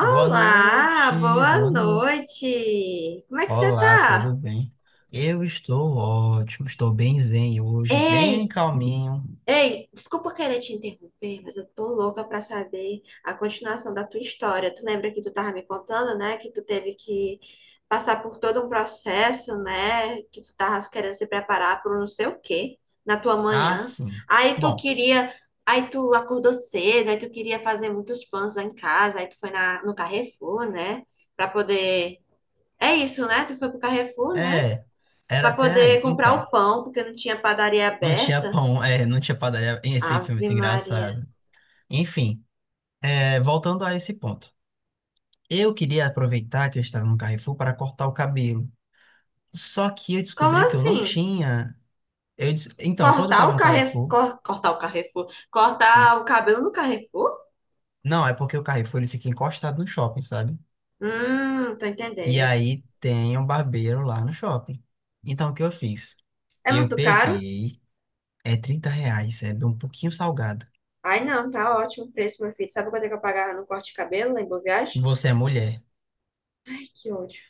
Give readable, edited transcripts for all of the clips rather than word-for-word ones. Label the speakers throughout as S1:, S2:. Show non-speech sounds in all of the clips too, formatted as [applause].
S1: Boa noite,
S2: boa
S1: boa noite.
S2: noite. Como é que você
S1: Olá,
S2: tá?
S1: tudo bem? Eu estou ótimo, estou bem zen hoje, bem
S2: Ei,
S1: calminho.
S2: ei, desculpa querer te interromper, mas eu tô louca pra saber a continuação da tua história. Tu lembra que tu tava me contando, né, que tu teve que passar por todo um processo, né, que tu tava querendo se preparar para não sei o quê na tua
S1: Ah,
S2: manhã.
S1: sim.
S2: Aí tu
S1: Bom,
S2: queria, aí tu acordou cedo, aí tu queria fazer muitos pães lá em casa, aí tu foi no Carrefour, né, pra poder... É isso, né? Tu foi pro Carrefour, né?
S1: é, era
S2: Pra
S1: até aí.
S2: poder comprar
S1: Então,
S2: o pão, porque não tinha padaria
S1: não tinha
S2: aberta.
S1: pão, não tinha padaria. Esse filme
S2: Ave
S1: muito
S2: Maria.
S1: engraçado. Enfim, voltando a esse ponto. Eu queria aproveitar que eu estava no Carrefour para cortar o cabelo. Só que eu
S2: Como
S1: descobri que eu não
S2: assim?
S1: tinha. Então, quando eu estava no Carrefour. Hum.
S2: Cortar o cabelo no Carrefour?
S1: Não, é porque o Carrefour ele fica encostado no shopping, sabe?
S2: Tô
S1: E
S2: entendendo.
S1: aí tem um barbeiro lá no shopping. Então o que eu fiz?
S2: É
S1: Eu
S2: muito caro?
S1: peguei, é R$ 30, é um pouquinho salgado.
S2: Ai, não, tá ótimo o preço, meu filho. Sabe quanto é que eu pagava no corte de cabelo lá em Boa Viagem?
S1: Você é mulher.
S2: Ai, que ódio.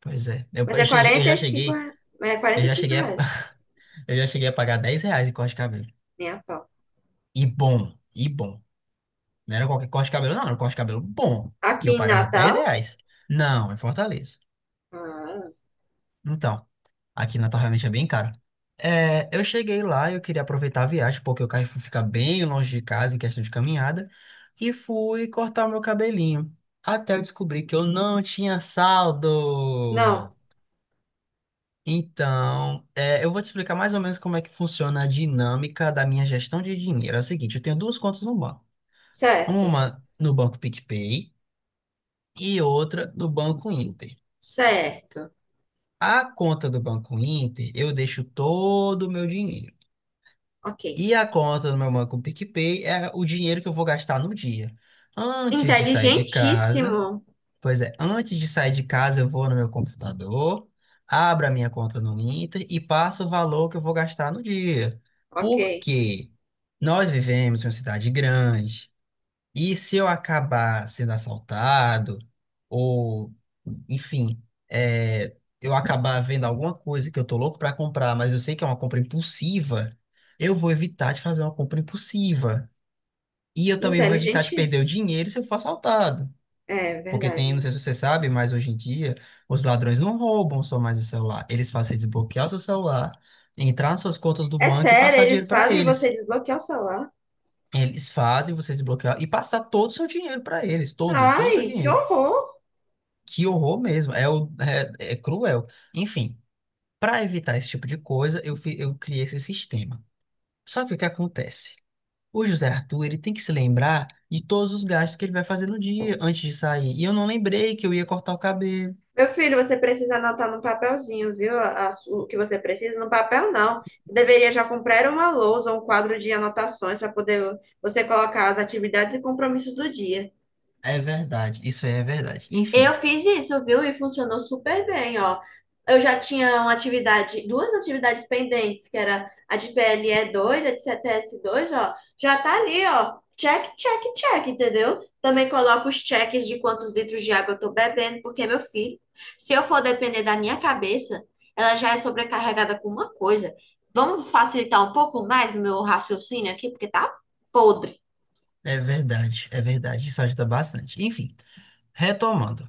S1: Pois é.
S2: Mas é quarenta e cinco, é
S1: Eu
S2: 45
S1: já cheguei a,
S2: reais.
S1: [laughs] eu já cheguei a pagar R$ 10 em corte de cabelo.
S2: Nem a pau.
S1: E bom. Não era qualquer corte de cabelo, não, era um corte de cabelo bom. E
S2: Aqui
S1: eu
S2: em
S1: pagava 10
S2: Natal?
S1: reais. Não, em Fortaleza.
S2: Ah,
S1: Então, aqui Natal realmente é bem caro. É, eu cheguei lá, eu queria aproveitar a viagem, porque o Carrefour fica bem longe de casa em questão de caminhada, e fui cortar o meu cabelinho. Até eu descobri que eu não tinha
S2: não,
S1: saldo. Então, eu vou te explicar mais ou menos como é que funciona a dinâmica da minha gestão de dinheiro. É o seguinte, eu tenho duas contas no banco.
S2: certo,
S1: Uma no Banco PicPay e outra no Banco Inter.
S2: certo.
S1: A conta do Banco Inter, eu deixo todo o meu dinheiro.
S2: Ok.
S1: E a conta do meu banco PicPay é o dinheiro que eu vou gastar no dia. Antes de sair de casa,
S2: Inteligentíssimo.
S1: pois é, antes de sair de casa, eu vou no meu computador, abro a minha conta no Inter e passo o valor que eu vou gastar no dia.
S2: Ok.
S1: Porque nós vivemos em uma cidade grande. E se eu acabar sendo assaltado, ou, enfim, eu acabar vendo alguma coisa que eu tô louco pra comprar, mas eu sei que é uma compra impulsiva, eu vou evitar de fazer uma compra impulsiva. E eu também vou evitar de perder o
S2: Inteligentíssimo.
S1: dinheiro se eu for assaltado.
S2: É
S1: Porque
S2: verdade,
S1: tem, não
S2: né?
S1: sei se você sabe, mas hoje em dia os ladrões não roubam só mais o celular. Eles fazem você desbloquear o seu celular, entrar nas suas contas do
S2: É
S1: banco e
S2: sério,
S1: passar dinheiro
S2: eles
S1: pra
S2: fazem você
S1: eles.
S2: desbloquear o celular?
S1: Eles fazem você desbloquear e passar todo o seu dinheiro para eles, todo, todo o seu
S2: Ai, que
S1: dinheiro.
S2: horror!
S1: Que horror mesmo, é cruel. Enfim, para evitar esse tipo de coisa, eu criei esse sistema. Só que o que acontece? O José Arthur, ele tem que se lembrar de todos os gastos que ele vai fazer no dia antes de sair. E eu não lembrei que eu ia cortar o cabelo.
S2: Meu filho, você precisa anotar no papelzinho, viu? A O que você precisa no papel, não. Você deveria já comprar uma lousa ou um quadro de anotações para poder você colocar as atividades e compromissos do dia.
S1: É verdade, isso é verdade. Enfim,
S2: Eu fiz isso, viu? E funcionou super bem, ó. Eu já tinha uma atividade, duas atividades pendentes, que era a de ple dois, a de cts dois, ó. Já tá ali, ó. Check, check, check, entendeu? Também coloco os cheques de quantos litros de água eu tô bebendo, porque, meu filho, se eu for depender da minha cabeça, ela já é sobrecarregada com uma coisa. Vamos facilitar um pouco mais o meu raciocínio aqui, porque tá podre.
S1: é verdade, isso ajuda bastante. Enfim, retomando.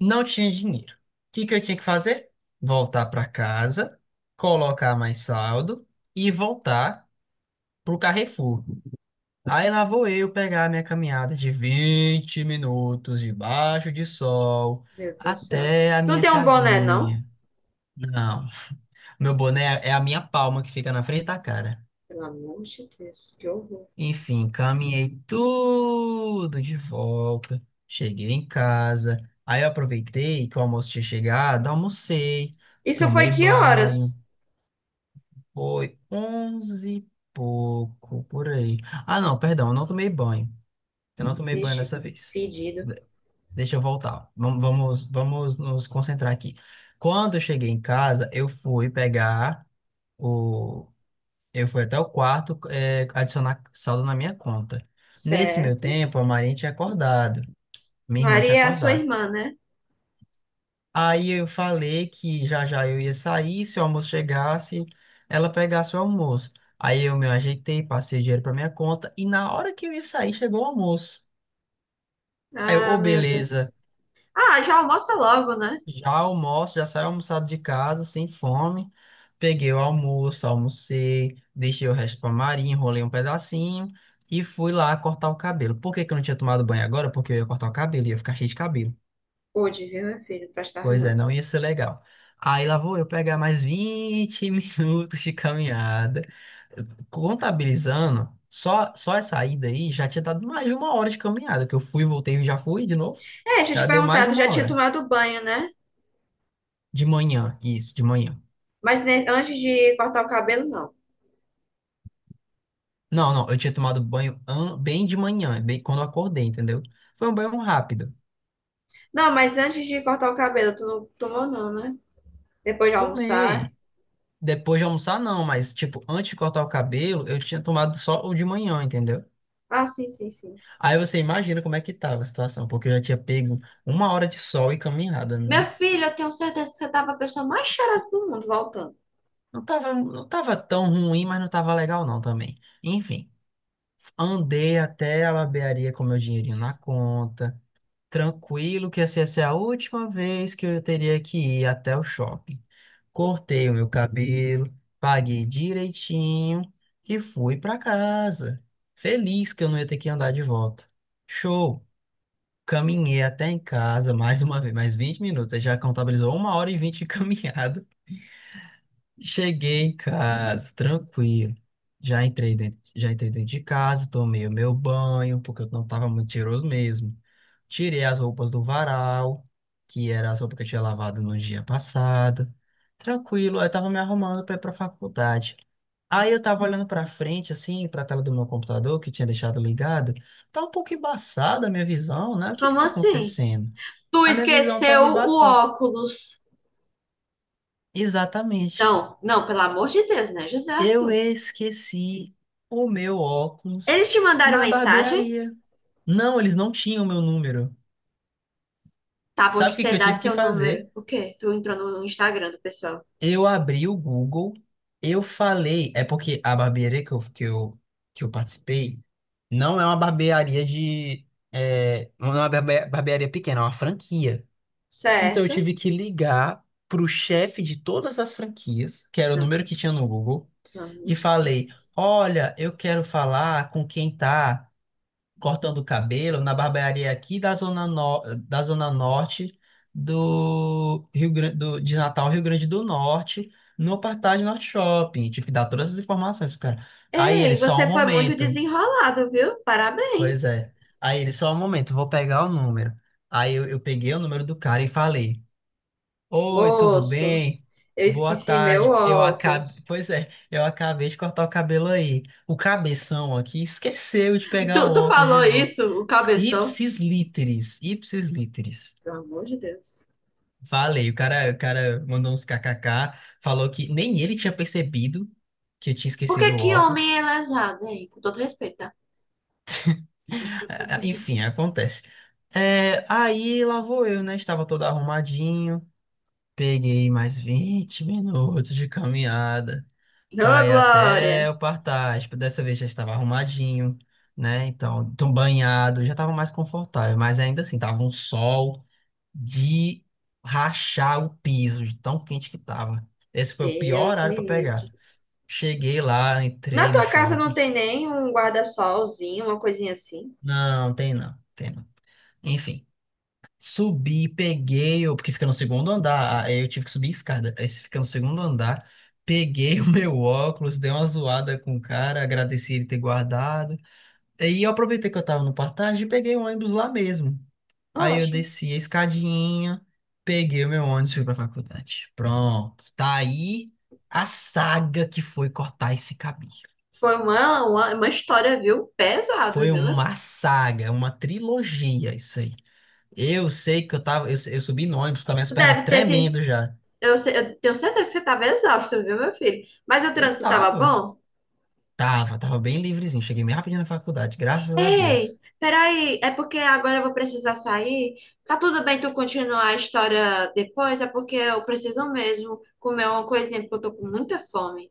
S1: Não tinha dinheiro. O que que eu tinha que fazer? Voltar para casa, colocar mais saldo e voltar pro Carrefour. Aí lá vou eu pegar a minha caminhada de 20 minutos debaixo de sol
S2: Meu Deus do céu.
S1: até a
S2: Tu não
S1: minha
S2: tem um boné, não?
S1: casinha. Não, meu boné é a minha palma que fica na frente da cara.
S2: Pelo amor de Deus, que horror.
S1: Enfim, caminhei tudo de volta. Cheguei em casa. Aí eu aproveitei que o almoço tinha chegado, almocei,
S2: Isso foi
S1: tomei
S2: que
S1: banho.
S2: horas?
S1: Foi 11 e pouco por aí. Ah, não, perdão, eu não tomei banho. Eu não tomei banho
S2: Vixe,
S1: dessa vez.
S2: fedido.
S1: De- Deixa eu voltar. Vamos, vamos, vamos nos concentrar aqui. Quando eu cheguei em casa, eu fui até o quarto, adicionar saldo na minha conta. Nesse meu
S2: Certo.
S1: tempo, a Marinha tinha acordado, minha irmã tinha
S2: Maria é a sua
S1: acordado.
S2: irmã, né?
S1: Aí eu falei que já já eu ia sair, se o almoço chegasse, ela pegasse o almoço. Aí eu me ajeitei, passei o dinheiro para minha conta e na hora que eu ia sair, chegou o almoço. Aí eu,
S2: Ah,
S1: ô,
S2: meu Deus.
S1: beleza.
S2: Ah, já almoça logo, né?
S1: Já almoço, já saí almoçado de casa, sem fome. Peguei o almoço, almocei, deixei o resto pra Maria, enrolei um pedacinho e fui lá cortar o cabelo. Por que que eu não tinha tomado banho agora? Porque eu ia cortar o cabelo, ia ficar cheio de cabelo.
S2: Pude, viu, meu filho? Presta
S1: Pois é,
S2: não.
S1: não ia ser legal. Aí lá vou eu pegar mais 20 [laughs] minutos de caminhada. Contabilizando, só, só essa ida aí já tinha dado mais de uma hora de caminhada, que eu fui, voltei e já fui de novo.
S2: É, deixa eu te
S1: Já deu mais
S2: perguntar,
S1: de
S2: tu já
S1: uma
S2: tinha
S1: hora.
S2: tomado banho, né?
S1: De manhã, isso, de manhã.
S2: Mas antes de cortar o cabelo, não.
S1: Não, não, eu tinha tomado banho bem de manhã, bem quando eu acordei, entendeu? Foi um banho rápido.
S2: Não, mas antes de cortar o cabelo, tu não tomou, não, né? Depois de almoçar.
S1: Tomei. Depois de almoçar, não, mas, tipo, antes de cortar o cabelo, eu tinha tomado só o de manhã, entendeu?
S2: Ah, sim, sim, sim.
S1: Aí você imagina como é que tava a situação, porque eu já tinha pego uma hora de sol e caminhada,
S2: Meu
S1: né?
S2: filho, eu tenho certeza que você tava a pessoa mais cheirosa do mundo voltando.
S1: Não tava, não tava tão ruim, mas não tava legal, não, também. Enfim, andei até a barbearia com meu dinheirinho na conta. Tranquilo, que assim, essa é a última vez que eu teria que ir até o shopping. Cortei o meu cabelo, paguei direitinho e fui pra casa. Feliz que eu não ia ter que andar de volta. Show! Caminhei até em casa mais uma vez, mais 20 minutos. Já contabilizou 1 hora e 20 de [laughs] caminhada. Cheguei em casa, tranquilo. Já entrei dentro de casa, tomei o meu banho, porque eu não tava muito cheiroso mesmo. Tirei as roupas do varal, que era as roupas que eu tinha lavado no dia passado. Tranquilo, aí eu tava me arrumando pra ir pra faculdade. Aí eu tava olhando pra frente, assim, pra tela do meu computador, que tinha deixado ligado. Tá um pouco embaçada a minha visão, né? O que que
S2: Como
S1: tá
S2: assim?
S1: acontecendo?
S2: Tu
S1: A minha visão
S2: esqueceu
S1: tava
S2: o
S1: embaçada.
S2: óculos.
S1: Exatamente.
S2: Não, não, pelo amor de Deus, né, José.
S1: Eu esqueci o meu óculos
S2: Eles te mandaram
S1: na
S2: mensagem?
S1: barbearia. Não, eles não tinham meu número.
S2: Tá bom
S1: Sabe
S2: de
S1: o que
S2: você
S1: que eu
S2: dar
S1: tive que
S2: seu número.
S1: fazer?
S2: O quê? Tu entrou no Instagram do pessoal.
S1: Eu abri o Google, eu falei. É porque a barbearia que eu participei não é uma barbearia de. É, não é uma barbearia pequena, é uma franquia. Então eu
S2: Certo.
S1: tive que ligar pro chefe de todas as franquias, que era o
S2: Não,
S1: número que tinha no Google,
S2: pelo amor
S1: e
S2: de Deus.
S1: falei: Olha, eu quero falar com quem tá cortando o cabelo na barbearia aqui da zona, da zona norte do de Natal, Rio Grande do Norte, no Partage Norte Shopping. Tive que dar todas as informações pro cara. Aí
S2: Ei,
S1: ele, só um
S2: você foi muito
S1: momento.
S2: desenrolado, viu?
S1: Pois
S2: Parabéns.
S1: é. Aí ele, só um momento, vou pegar o número. Aí eu peguei o número do cara e falei. Oi, tudo
S2: Moço,
S1: bem?
S2: eu
S1: Boa
S2: esqueci meu
S1: tarde. Eu acabei,
S2: óculos.
S1: pois é, eu acabei de cortar o cabelo aí. O cabeção aqui esqueceu de
S2: Tu,
S1: pegar o
S2: tu
S1: óculos de
S2: falou
S1: volta.
S2: isso, o cabeção?
S1: Ipsis literis, ipsis literis.
S2: Pelo amor de Deus.
S1: Falei, o cara mandou uns kkk, falou que nem ele tinha percebido que eu tinha
S2: Por que
S1: esquecido o
S2: que homem
S1: óculos.
S2: é lesado, hein? Com todo respeito, tá?
S1: Enfim, acontece. É, aí lá vou eu, né? Estava todo arrumadinho. Peguei mais 20 minutos de caminhada
S2: Ô,
S1: para ir até
S2: Glória.
S1: o Partage. Dessa vez já estava arrumadinho, né? Então, tão banhado, já estava mais confortável, mas ainda assim, tava um sol de rachar o piso, de tão quente que tava. Esse foi o pior
S2: Deus
S1: horário
S2: me
S1: para pegar.
S2: livre.
S1: Cheguei lá,
S2: Na
S1: entrei no
S2: tua casa não
S1: shopping.
S2: tem nem um guarda-solzinho, uma coisinha assim?
S1: Não, tem não, tem não. Enfim, subi, peguei, porque fica no segundo andar, aí eu tive que subir escada. Aí fica no segundo andar, peguei [laughs] o meu óculos, dei uma zoada com o cara, agradeci ele ter guardado. Aí eu aproveitei que eu tava no Partage e peguei o ônibus lá mesmo. Aí eu
S2: Ótimo.
S1: desci a escadinha, peguei o meu ônibus e fui pra faculdade. Pronto, tá aí a saga que foi cortar esse cabelo.
S2: Foi uma história, viu? Pesada,
S1: Foi
S2: viu? Meu?
S1: uma saga, é uma trilogia isso aí. Eu sei que eu tava, eu subi no ônibus com as minhas
S2: Tu
S1: pernas
S2: deve ter. Fi-
S1: tremendo já.
S2: Eu, se- eu tenho certeza que você tava exausto, viu, meu filho? Mas o
S1: Eu
S2: trânsito tava
S1: tava,
S2: bom?
S1: tava bem livrezinho. Cheguei bem rapidinho na faculdade, graças a
S2: Ei,
S1: Deus.
S2: peraí, é porque agora eu vou precisar sair? Tá tudo bem tu continuar a história depois? É porque eu preciso mesmo comer uma coisinha, porque eu tô com muita fome.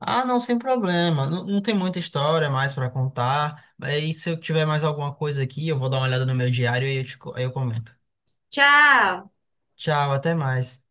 S1: Ah, não, sem problema. Não, não tem muita história mais para contar. E se eu tiver mais alguma coisa aqui, eu vou dar uma olhada no meu diário e eu comento.
S2: Tchau!
S1: Tchau, até mais.